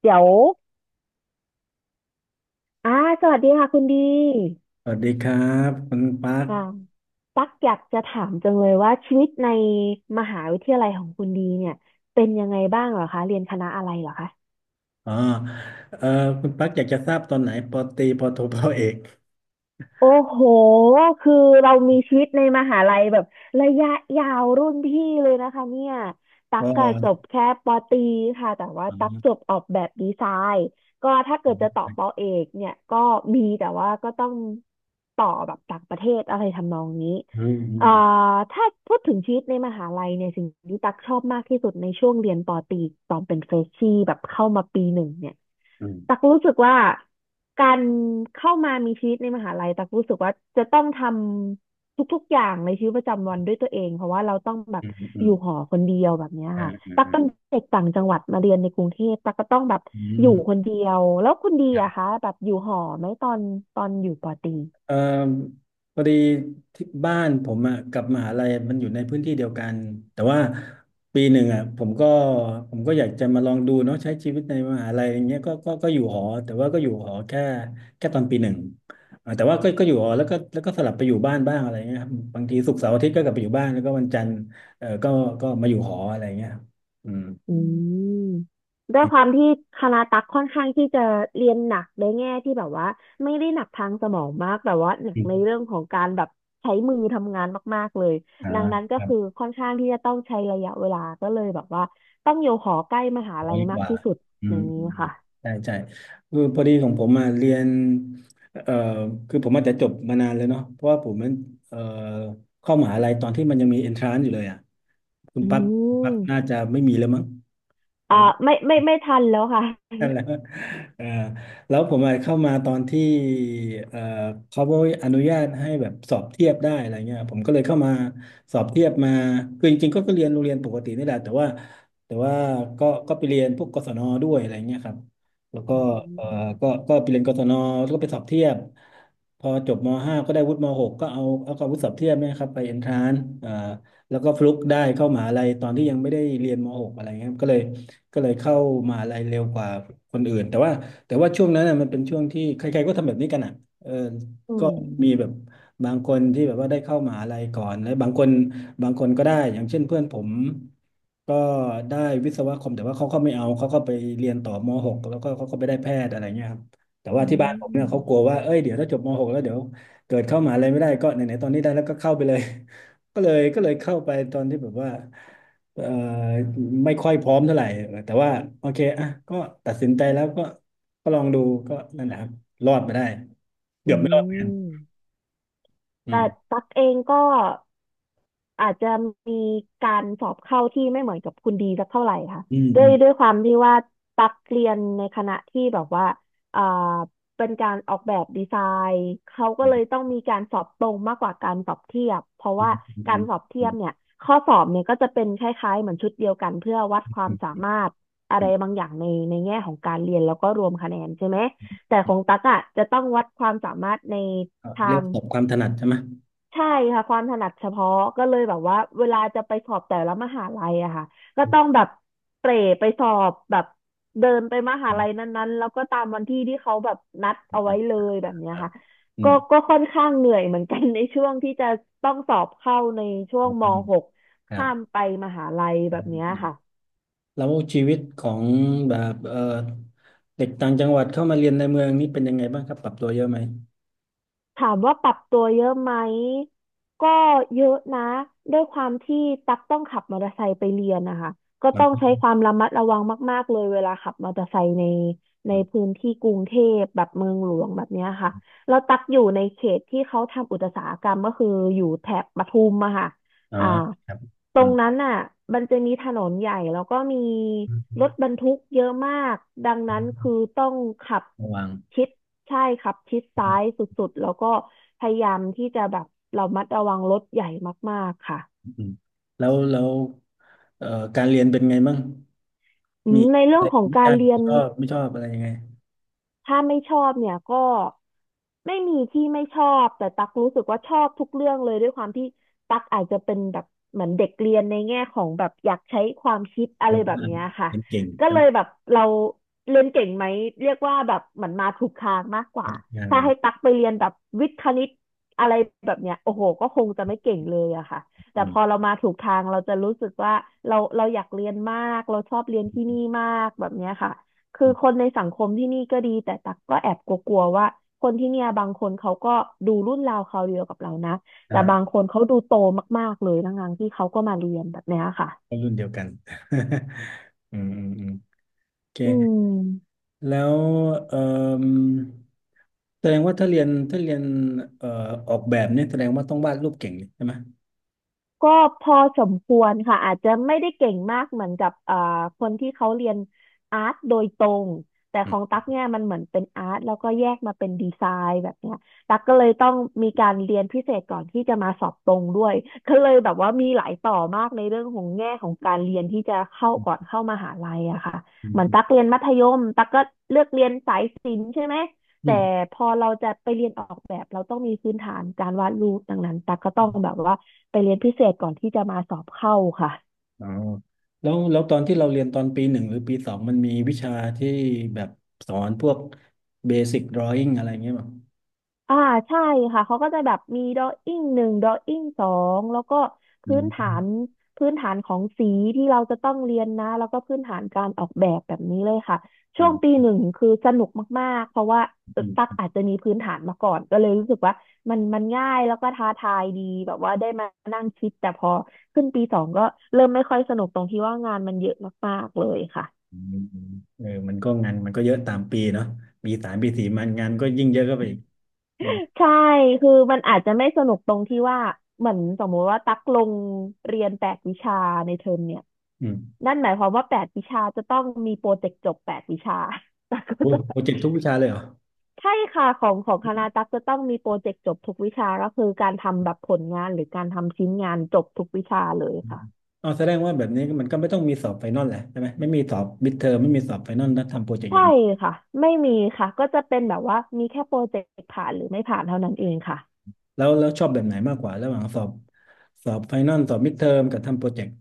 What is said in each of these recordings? เดี๋ยวอ่าสวัสดีค่ะคุณดีสวัสดีครับคุณปักอ่าตักอยากจะถามจังเลยว่าชีวิตในมหาวิทยาลัยของคุณดีเนี่ยเป็นยังไงบ้างเหรอคะเรียนคณะอะไรเหรอคะ อ๋อเออคุณปักอยากจะทราบตอนไหนปอตรีปอโทปอเอกโอ้โห คือเรามีชีวิตในมหาลัยแบบระยะยาวรุ่นพี่เลยนะคะเนี่ยตัปกอกอะจบแค่ปอตรีค่ะแต่ว่าอ๋ตักจอบออกแบบดีไซน์ ก็ถ้าเกิผดจะต่อปอมเอกเนี่ย ก็มีแต่ว่าก็ต้องต่อแบบต่างประเทศอะไรทำนองนี้อืมอืเอ่มอถ้าพูดถึงชีวิตในมหาลัยเนี่ยสิ่งที่ตักชอบมากที่สุดในช่วงเรียนปอตรีตอนเป็นเฟรชชี่แบบเข้ามาปีหนึ่งเนี่ยอืตักมรู้สึกว่า การเข้ามามีชีวิตในมหาลัยตักรู้สึกว่าจะต้องทำทุกๆอย่างในชีวิตประจำวันด้วยตัวเองเพราะว่าเราต้องแบบอืมอืมอือมยู่หอคนเดียวแบบเนี้ยอ่ค่ะอ่ตักเป็นอ่เด็กต่างจังหวัดมาเรียนในกรุงเทพตักก็ต้องแบบอือม ยู่คนเดียวแล้วคุณดีอะคะแบบอยู่หอไหมตอนตอนอยู่ปอตรี เอ่อพอดีที่บ้านผมอ่ะกับมหาลัยมันอยู่ในพื้นที่เดียวกันแต่ว่าปีหนึ่งอ่ะผมก็อยากจะมาลองดูเนาะใช้ชีวิตในมหาลัยอย่างเงี้ยก็อยู่หอแต่ว่าก็อยู่หอแค่ตอนปีหนึ่งอ่าแต่ว่าก็อยู่หอแล้วก็สลับไปอยู่บ้านบ้างอะไรเงี้ยครับบางทีศุกร์เสาร์อาทิตย์ก็กลับไปอยู่บ้านแล้วก็วันจันทร์เออก็ก็มาอยู่หออะไรเงี้ยครับอืมอืมด้วยความที่คณะตักค่อนข้างที่จะเรียนหนักในแง่ที่แบบว่าไม่ได้หนักทางสมองมากแต่ว่าหนักอืในมเรื่องของการแบบใช้มือทำงานมากๆเลยดังนั้นอ่า ก็คือค่อนข้างที่จะต้องใช้ระยะเวลาก็เลยแบบว่าต้องอยู่หอใกล้มหาร้อลัยยกมากว่าที่สุดอือมย่างนี้อืมอืมค่ะใช่ใช่คือพอดีของผมมาเรียนเอ่อคือผมอาจจะจบมานานแล้วเนาะเพราะว่าผมมันเอ่อเข้ามหาลัยตอนที่มันยังมีเอนทรานซ์อยู่เลยอ่ะคุณอืปักปักมน่าจะไม่มีแล้วมั้ง อ่าไม่ทันแล้วค่ะนั่นแหละเออแล้วผมอะเข้ามาตอนที่เออเขาอนุญาตให้แบบสอบเทียบได้อะไรเงี้ยผมก็เลยเข้ามาสอบเทียบมาคือจริงๆก็เรียนโรงเรียนปกตินี่แหละแต่ว่าก็ไปเรียนพวกกศนด้วยอะไรเงี้ยครับแล้วก็อืเออมก็ก็ไปเรียนกศนแล้วก็ไปสอบเทียบพอจบม .5 ก็ได้วุฒิมหกก็เอาความวุฒิสอบเทียบเนี่ยครับไปเอนทรานซ์ แล้วก็ฟลุกได้เข้ามหาลัยตอนที่ยังไม่ได้เรียนม .6 อะไรเงี้ยก็เลยเข้ามหาลัยเร็วกว่าคนอื่นแต่ว่าช่วงนั้นน่ะมันเป็นช่วงที่ใครๆก็ทำแบบนี้กันอ่ะเอออืก็มีแบบมบางคนที่แบบว่าได้เข้ามหาลัยก่อนแล้วบางคนก็ได้อย่างเช่นเพื่อนผมก็ได้วิศวะคอมแต่ว่าเขาก็ไม่เอาเขาก็ไปเรียนต่อม .6 แล้วก็เขาก็ไปได้แพทย์อะไรเงี้ยครับแต่อืว่าที่บ้านผมเนี่ยเขากมลัวว่าเอ้ยเดี๋ยวถ้าจบม .6 แล้วเดี๋ยวเกิดเข้ามหาลัยไม่ได้ก็ไหนๆตอนนี้ได้แล้วก็เข้าไปเลย ก็เลยเข้าไปตอนที่แบบว่าเอ่อไม่ค่อยพร้อมเท่าไหร่แต่ว่าโอเคอ่ะก็ตัดสินใจแล้วก็ก็ลองดูก็นั่นแหละครับรอดมาได้อืเกือบไม่รอดเหมือนกันม อืแต่มตักเองก็อาจจะมีการสอบเข้าที่ไม่เหมือนกับคุณดีสักเท่าไหร่ค่ะอืมด้อืวยมด้วยความที่ว่าตักเรียนในคณะที่แบบว่าอ่าเป็นการออกแบบดีไซน์เขาก็เลยต้องมีการสอบตรงมากกว่าการสอบเทียบเพราะอืมว่าอืการมสอบเทีอืยบมเนี่ยข้อสอบเนี่ยก็จะเป็นคล้ายๆเหมือนชุดเดียวกันเพื่อวัดความสาอืมมารถอะอืไรมบางอย่างในในแง่ของการเรียนแล้วก็รวมคะแนนใช่ไหมแต่ของตั๊กอ่ะจะต้องวัดความสามารถในก็ทาเรียกง ประสบความถนัดใช่ไหมใช่ค่ะความถนัดเฉพาะก็เลยแบบว่าเวลาจะไปสอบแต่ละมหาลัยอะค่ะก็อืต้องมแบบเตร่ไปสอบแบบเดินไปมหาอืลัยมนั้นๆแล้วก็ตามวันที่ที่เขาแบบนัดอืเอาไว้เลยแบบเนี้ยมค่ะอืก็มก็ค่อนข้างเหนื่อยเหมือนกัน ในช่วงที่จะต้องสอบเข้าในช่วอืงม ม .6 ครัข้ามบไปมหาลัยอืแบบมเนี้ยอืมค่ะ แล้วชีวิตของแบบเด็กต่างจังหวัดเข้ามาเรียนในเมืองนี่เป็นยังไงบ้างครับปรับตัวเยอะไหมถามว่าปรับตัวเยอะไหม ก็เยอะนะ ด้วยความที่ตักต้องขับมอเตอร์ไซค์ไปเรียนนะคะ ก็ต้องอืมใช้ความระมัดระวังมากๆเลยเวลาขับมอเตอร์ไซค์ในในอืมพื้นที่กรุงเทพแบบเมืองหลวงแบบเนี้ยค่ะแล้วตักอยู่ในเขตที่เขาทำอุตสาหกรรมก็คืออยู่แถบปทุมอะค่ะออ่า ครับ ตรงนั้นอ่ะมันจะมีถนนใหญ่แล้วก็มีรรถบรรทุกเยอะมาก ดังนั้นคือต้องขับะวังชิดใช่ขับชิดอืซ้ายมสุดๆแล้วก็พยายามที่จะแบบระมัดระวังรถใหญ่มากๆค่ะอืมแล้วเอ่อการเรียนเป็นไงบ้างอืมีมในอะเรื่อไรงของที่ชการอบเรียน ชอบไม่ชอบอะไรยังไงถ้าไม่ชอบเนี่ยก็ไม่มีที่ไม่ชอบแต่ตักรู้สึกว่าชอบทุกเรื่องเลยด้วยความที่ตักอาจจะเป็นแบบเหมือนเด็กเรียนในแง่ของแบบอยากใช้ความคิดอะแต่ไรแบบว่าเนี้ยค่ะเรียนเก่งก็แต่เลว่ายแบบเราเรียนเก่งไหมเรียกว่าแบบเหมือนมาถูกทางมากกว่าทางถ้าให้ตักไปเรียนแบบวิทย์คณิตอะไรแบบเนี้ยโอ้โหก็คงจะไม่เก่งเลยอะค่ะแต่อืพอมเรามาถูกทางเราจะรู้สึกว่าเราอยากเรียนมากเราชอบเรียนที่นี่มากแบบเนี้ยค่ะ คืออืคมนในสังคมที่นี่ก็ดีแต่ตักก็แอบกลัวๆว่าคนที่เนี่ยบางคนเขาก็ดูรุ่นราวคราวเดียวกับเรานะแต่บางอ่าคนเขาดูโตมากๆเลยทั้งๆที่เขาก็มาเรียนแบบเนี้ยค่ะก็รุ่นเดียวกัน อืมอืมอืมโอเคอืม แล้วเอ่มแสดงว่าถ้าเรียนเอ่อออกแบบเนี่ยแสดงว่าต้องวาดรูปเก่งเลยใช่ไหมก็พอสมควรค่ะอาจจะไม่ได้เก่งมากเหมือนกับคนที่เขาเรียนอาร์ตโดยตรงแต่อืของมตั๊กเนี่ยมันเหมือนเป็นอาร์ตแล้วก็แยกมาเป็นดีไซน์แบบเนี้ยตั๊กก็เลยต้องมีการเรียนพิเศษก่อนที่จะมาสอบตรงด้วยก็เลยแบบว่ามีหลายต่อมากในเรื่องของแง่ของการเรียนที่จะเข้าก่อนเข้ามหาลัยอะค่ะอืมเหมือนอืมตั๊กเรียนมัธยมตั๊กก็เลือกเรียนสายศิลป์ใช่ไหม อืแต่ม พอเราจะไปเรียนออกแบบเราต้องมีพื้นฐานการวาดรูปดังนั้นตั๊กก็ต้องแบบว่าไปเรียนพิเศษก่อนที่จะมาสอบเข้าค่ะ อ๋อแล้วตอนที่เราเรียนตอนปีหนึ่งหรือปีสองมันมีวิชาที่แบบสอนพวกเบสิกดรอ w ิ n งอะไรเงี้ยมั้งอ่าใช่ค่ะเขาก็จะแบบมีดออิ่งหนึ่งดออิ่งสองแล้วก็อืพื้นฐานมพื้นฐานของสีที่เราจะต้องเรียนนะแล้วก็พื้นฐานการออกแบบแบบนี้เลยค่ะอ่ช่วงาปีหนึ่งคือสนุกมากๆเพราะว่าอืตักมอาจจะมีพื้นฐานมาก่อนก็เลยรู้สึกว่ามันง่ายแล้วก็ท้าทายดีแบบว่าได้มานั่งคิดแต่พอขึ้นปีสองก็เริ่มไม่ค่อยสนุกตรงที่ว่างานมันเยอะมากๆเลยค่ะ อืมอืมเออมันก็งานมันก็เยอะตามปีเนาะปีสามปีสี่มันงานก็ยิ่งเยอะเข้าไปอีกอืม ใช่คือมันอาจจะไม่สนุกตรงที่ว่า เหมือนสมมติว่าตักลงเรียนแปดวิชาในเทอมเนี่ยอืมนั่นหมายความว่าแปดวิชาจะต้องมีโปรเจกต์จบแปดวิชา ตักก็โอ้ยจะ โปรเจกต์ทุกวิชาเลยเหรอใช่ค่ะของคณะตักจะต้องมีโปรเจกต์จบทุกวิชาก็คือการทำแบบผลงานหรือการทำชิ้นงานจบทุกวิชาเลยอืมค่ะ อ๋อแสดงว่าแบบนี้มันก็ไม่ต้องมีสอบไฟนอลแหละใช่ไหมไม่มีสอบมิดเทอมไม่มีสอบไฟนอลถ้าทำโปรเจกต์อใช่ย่างนี้ค่ะ ไม่มีค่ะก็จะเป็นแบบว่ามีแค่โปรเจกต์ผ่านหรือไม่ผ่านเท่านั้นเองค่ะ แล้วชอบแบบไหนมากกว่าระหว่างสอบสอบไฟนอลสอบมิดเทอมกับทำโปรเจกต์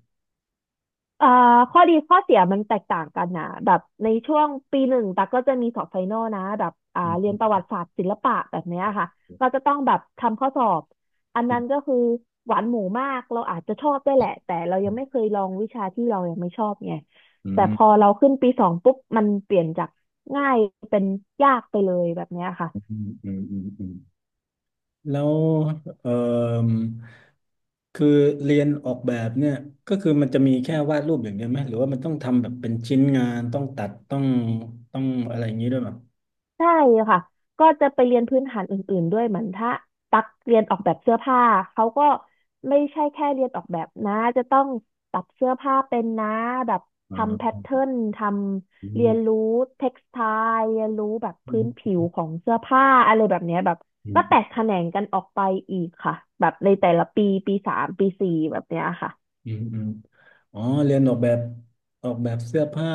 เอ่อข้อดีข้อเสียมันแตกต่างกันนะแบบในช่วงปีหนึ่งตักก็จะมีสอบไฟนอลนะแบบอืม เรียนประวัติศาสตร์ศิลปะแบบเนี้ยค่ะก็จะต้องแบบทำข้อสอบอันนั้นก็คือหวานหมูมากเราอาจจะชอบได้วยแหละแต่เรายังไม่เคยลองวิชาที่เรายังไม่ชอบไงอืแต่พมอเราขึ้นปีสองปุ๊บมันเปลี่ยนจากง่ายเป็นยากไปเลยแบบเนี้ยค่ะ อืมอืมอืมอืมแล้วเอ่อคือเรียนออกแบบเนี่ยก็คือมันจะมีแค่วาดรูปอย่างเดียวไหมหรือว่ามันต้องทำแบบเป็นชิ้นงานต้องตัดต้องอะไรอย่างนี้ด้วยป่ะใช่ค่ะก็จะไปเรียนพื้นฐานอื่นๆด้วยเหมือนถ้าตักเรียนออกแบบเสื้อผ้าเขาก็ไม่ใช่แค่เรียนออกแบบนะจะต้องตัดเสื้อผ้าเป็นนะแบบอ๋อทำแพทเทิร์นทำเรียนมรู้เท็กซ์ไทล์เรียนรู้แบบพื้นอืผิวของเสื้อผ้าอะไรแบบเนี้ยแบบก็แตกม แขนงกันออกไปอีกค่ะแบบในแต่ละปีปีสามปีสี่แบบเนี้ยค่ะอืมอืมอ๋อเรียนออกแบบออกแบบเสื้อผ้า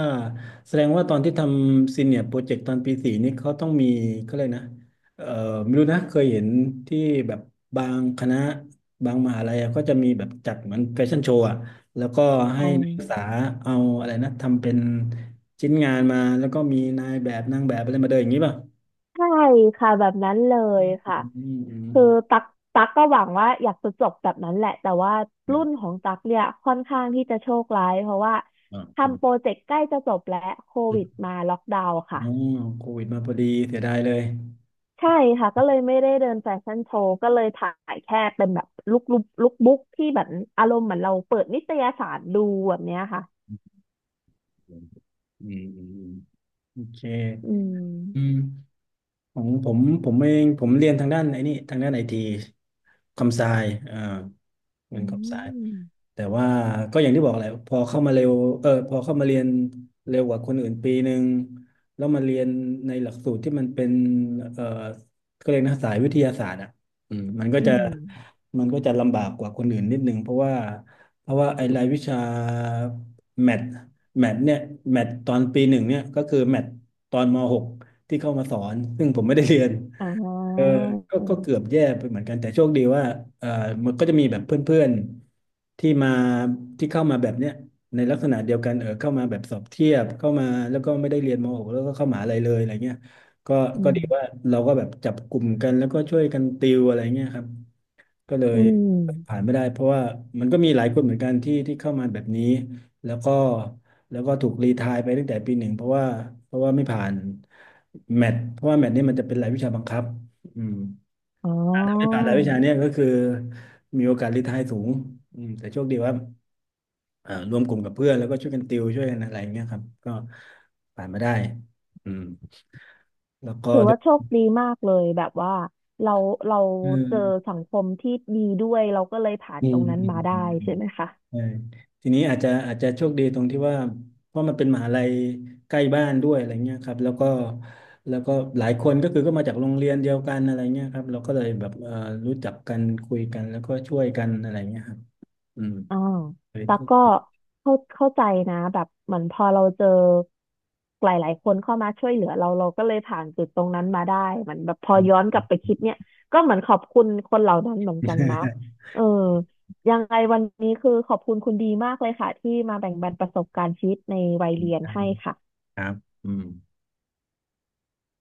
แสดงว่าตอนที่ทำซีเนียร์โปรเจกต์ตอนปีสี่นี่เขาต้องมีเขาเลยกนะเอ่อไม่รู้นะเคยเห็นที่แบบบางคณะบางมหาลัยอะก็จะมีแบบจัดเหมือนแฟชั่นโชว์อะแล้วก็อืให้นัมกศึกษาเอาอะไรนะทำเป็นชิ้นงานมาแล้วก็มีนายแบบนางแบบอะไรมาเดินอย่างนี้ป่ะใช่ค่ะแบบนั้นเลยอืค่ะ มอืมคือตักตักก็หวังว่าอยากจะจบแบบนั้นแหละแต่ว่าเอรุ่นขอองตักเนี่ยค่อนข้างที่จะโชคร้ายเพราะว่าอ๋ทำโปรอเจกต์ใกล้จะจบแล้วโควิดมาล็อกดาวน์อืค่ะโควิดมาพอดีเสียดายเลยใช่ค่ะก็เลยไม่ได้เดินแฟชั่นโชว์ก็เลยถ่ายแค่เป็นแบบลุคบุ๊กที่แบบอารมณ์เหมือนเราเปิดนิตยสารดูแบบเนี้ยค่ะอืมอืมอืมโอเค อืมอืมของผมผมเองผมเรียนทางด้านไอ้นี่ทางด้านไอทีคอมไซเอ่อเรียอืนคอมไซมแต่ว่าก็อย่างที่บอกแหละพอเข้ามาเร็วเออพอเข้ามาเรียนเร็วกว่าคนอื่นปีหนึ่งแล้วมาเรียนในหลักสูตรที่มันเป็นเออก็เรียกนะสายวิทยาศาสตร์อ่ะอืมมันก็อืจะ มลำบากกว่าคนอื่นนิดนึงเพราะว่าไอ้รายวิชาแมทแมทเนี่ยแมทตอนปีหนึ่งเนี่ยก็คือแมทตอนมหกที่เข้ามาสอนซึ่งผมไม่ได้เรียนอ่เอาอก็เกือบอืแย่ไปเหมือนกันแต่โชคดีว่าเออมันก็จะมีแบบเพื่อนๆที่มาที่เข้ามาแบบเนี้ยในลักษณะเดียวกันเออเข้ามาแบบสอบเทียบเข้ามาแล้วก็ไม่ได้เรียนมหกแล้วก็เข้ามหาลัยเลยอะไรเงี้ยก็มก็ดีว่าเราก็แบบจับกลุ่มกันแล้วก็ช่วยกันติวอะไรเงี้ยครับ ก็เลอืยมผ่านไม่ได้เพราะว่ามันก็มีหลายคนเหมือนกันที่เข้ามาแบบนี้แล้วก็แล้วก็ถูกรีไทร์ไปตั้งแต่ปีหนึ่งเพราะว่าไม่ผ่านแมทเพราะว่าแมทนี่มันจะเป็นรายวิชาบังคับอืมอ๋ไม่ผ่านอ รายวิชาเนี่ยก็คือมีโอกาสรีไทร์สูงอืมแต่โชคดีว่ารวมกลุ่มกับเพื่อนแล้วก็ช่วยกันติวช่วยกันอะไรอย่างเงี้ยครับก็ผ่านมาได้อืมแล้วก็ถือด้วว่าโชย คดีมากเลยแบบว่าเราเราเจอสังคมที่ดีด้วยเราก็เลยผ่านอืตรมงนั้นอืมมาได้อืมอืใช่มไหมคะใช่ทีนี้อาจจะโชคดีตรงที่ว่าเพราะมันเป็นมหาลัยใกล้บ้านด้วยอะไรเงี้ยครับแล้วก็หลายคนก็คือก็มาจากโรงเรียนเดียวกันอะไรเงี้ยครับเราก็เลยแบบรู้จักกันคุยกันแล้วก็ช่วยกันอะไรเงี้ยครับอืมอ่าเลยแต่โชคก็ดี เข้าใจนะแบบเหมือนพอเราเจอหลายๆคนเข้ามาช่วยเหลือเราเราก็เลยผ่านจุดตรงนั้นมาได้เหมือนแบบพอย้อนกลับไปคิดเนี่ยก็เหมือนขอบคุณคนเหล่านั้นเหมือนกันนะเออยังไงวันนี้คือขอบคุณคุณดีมากเลยค่ะที่มาแบ่งปันประสบการณ์ชีวิตในวัยเรียนให้ ค่ะครับอืม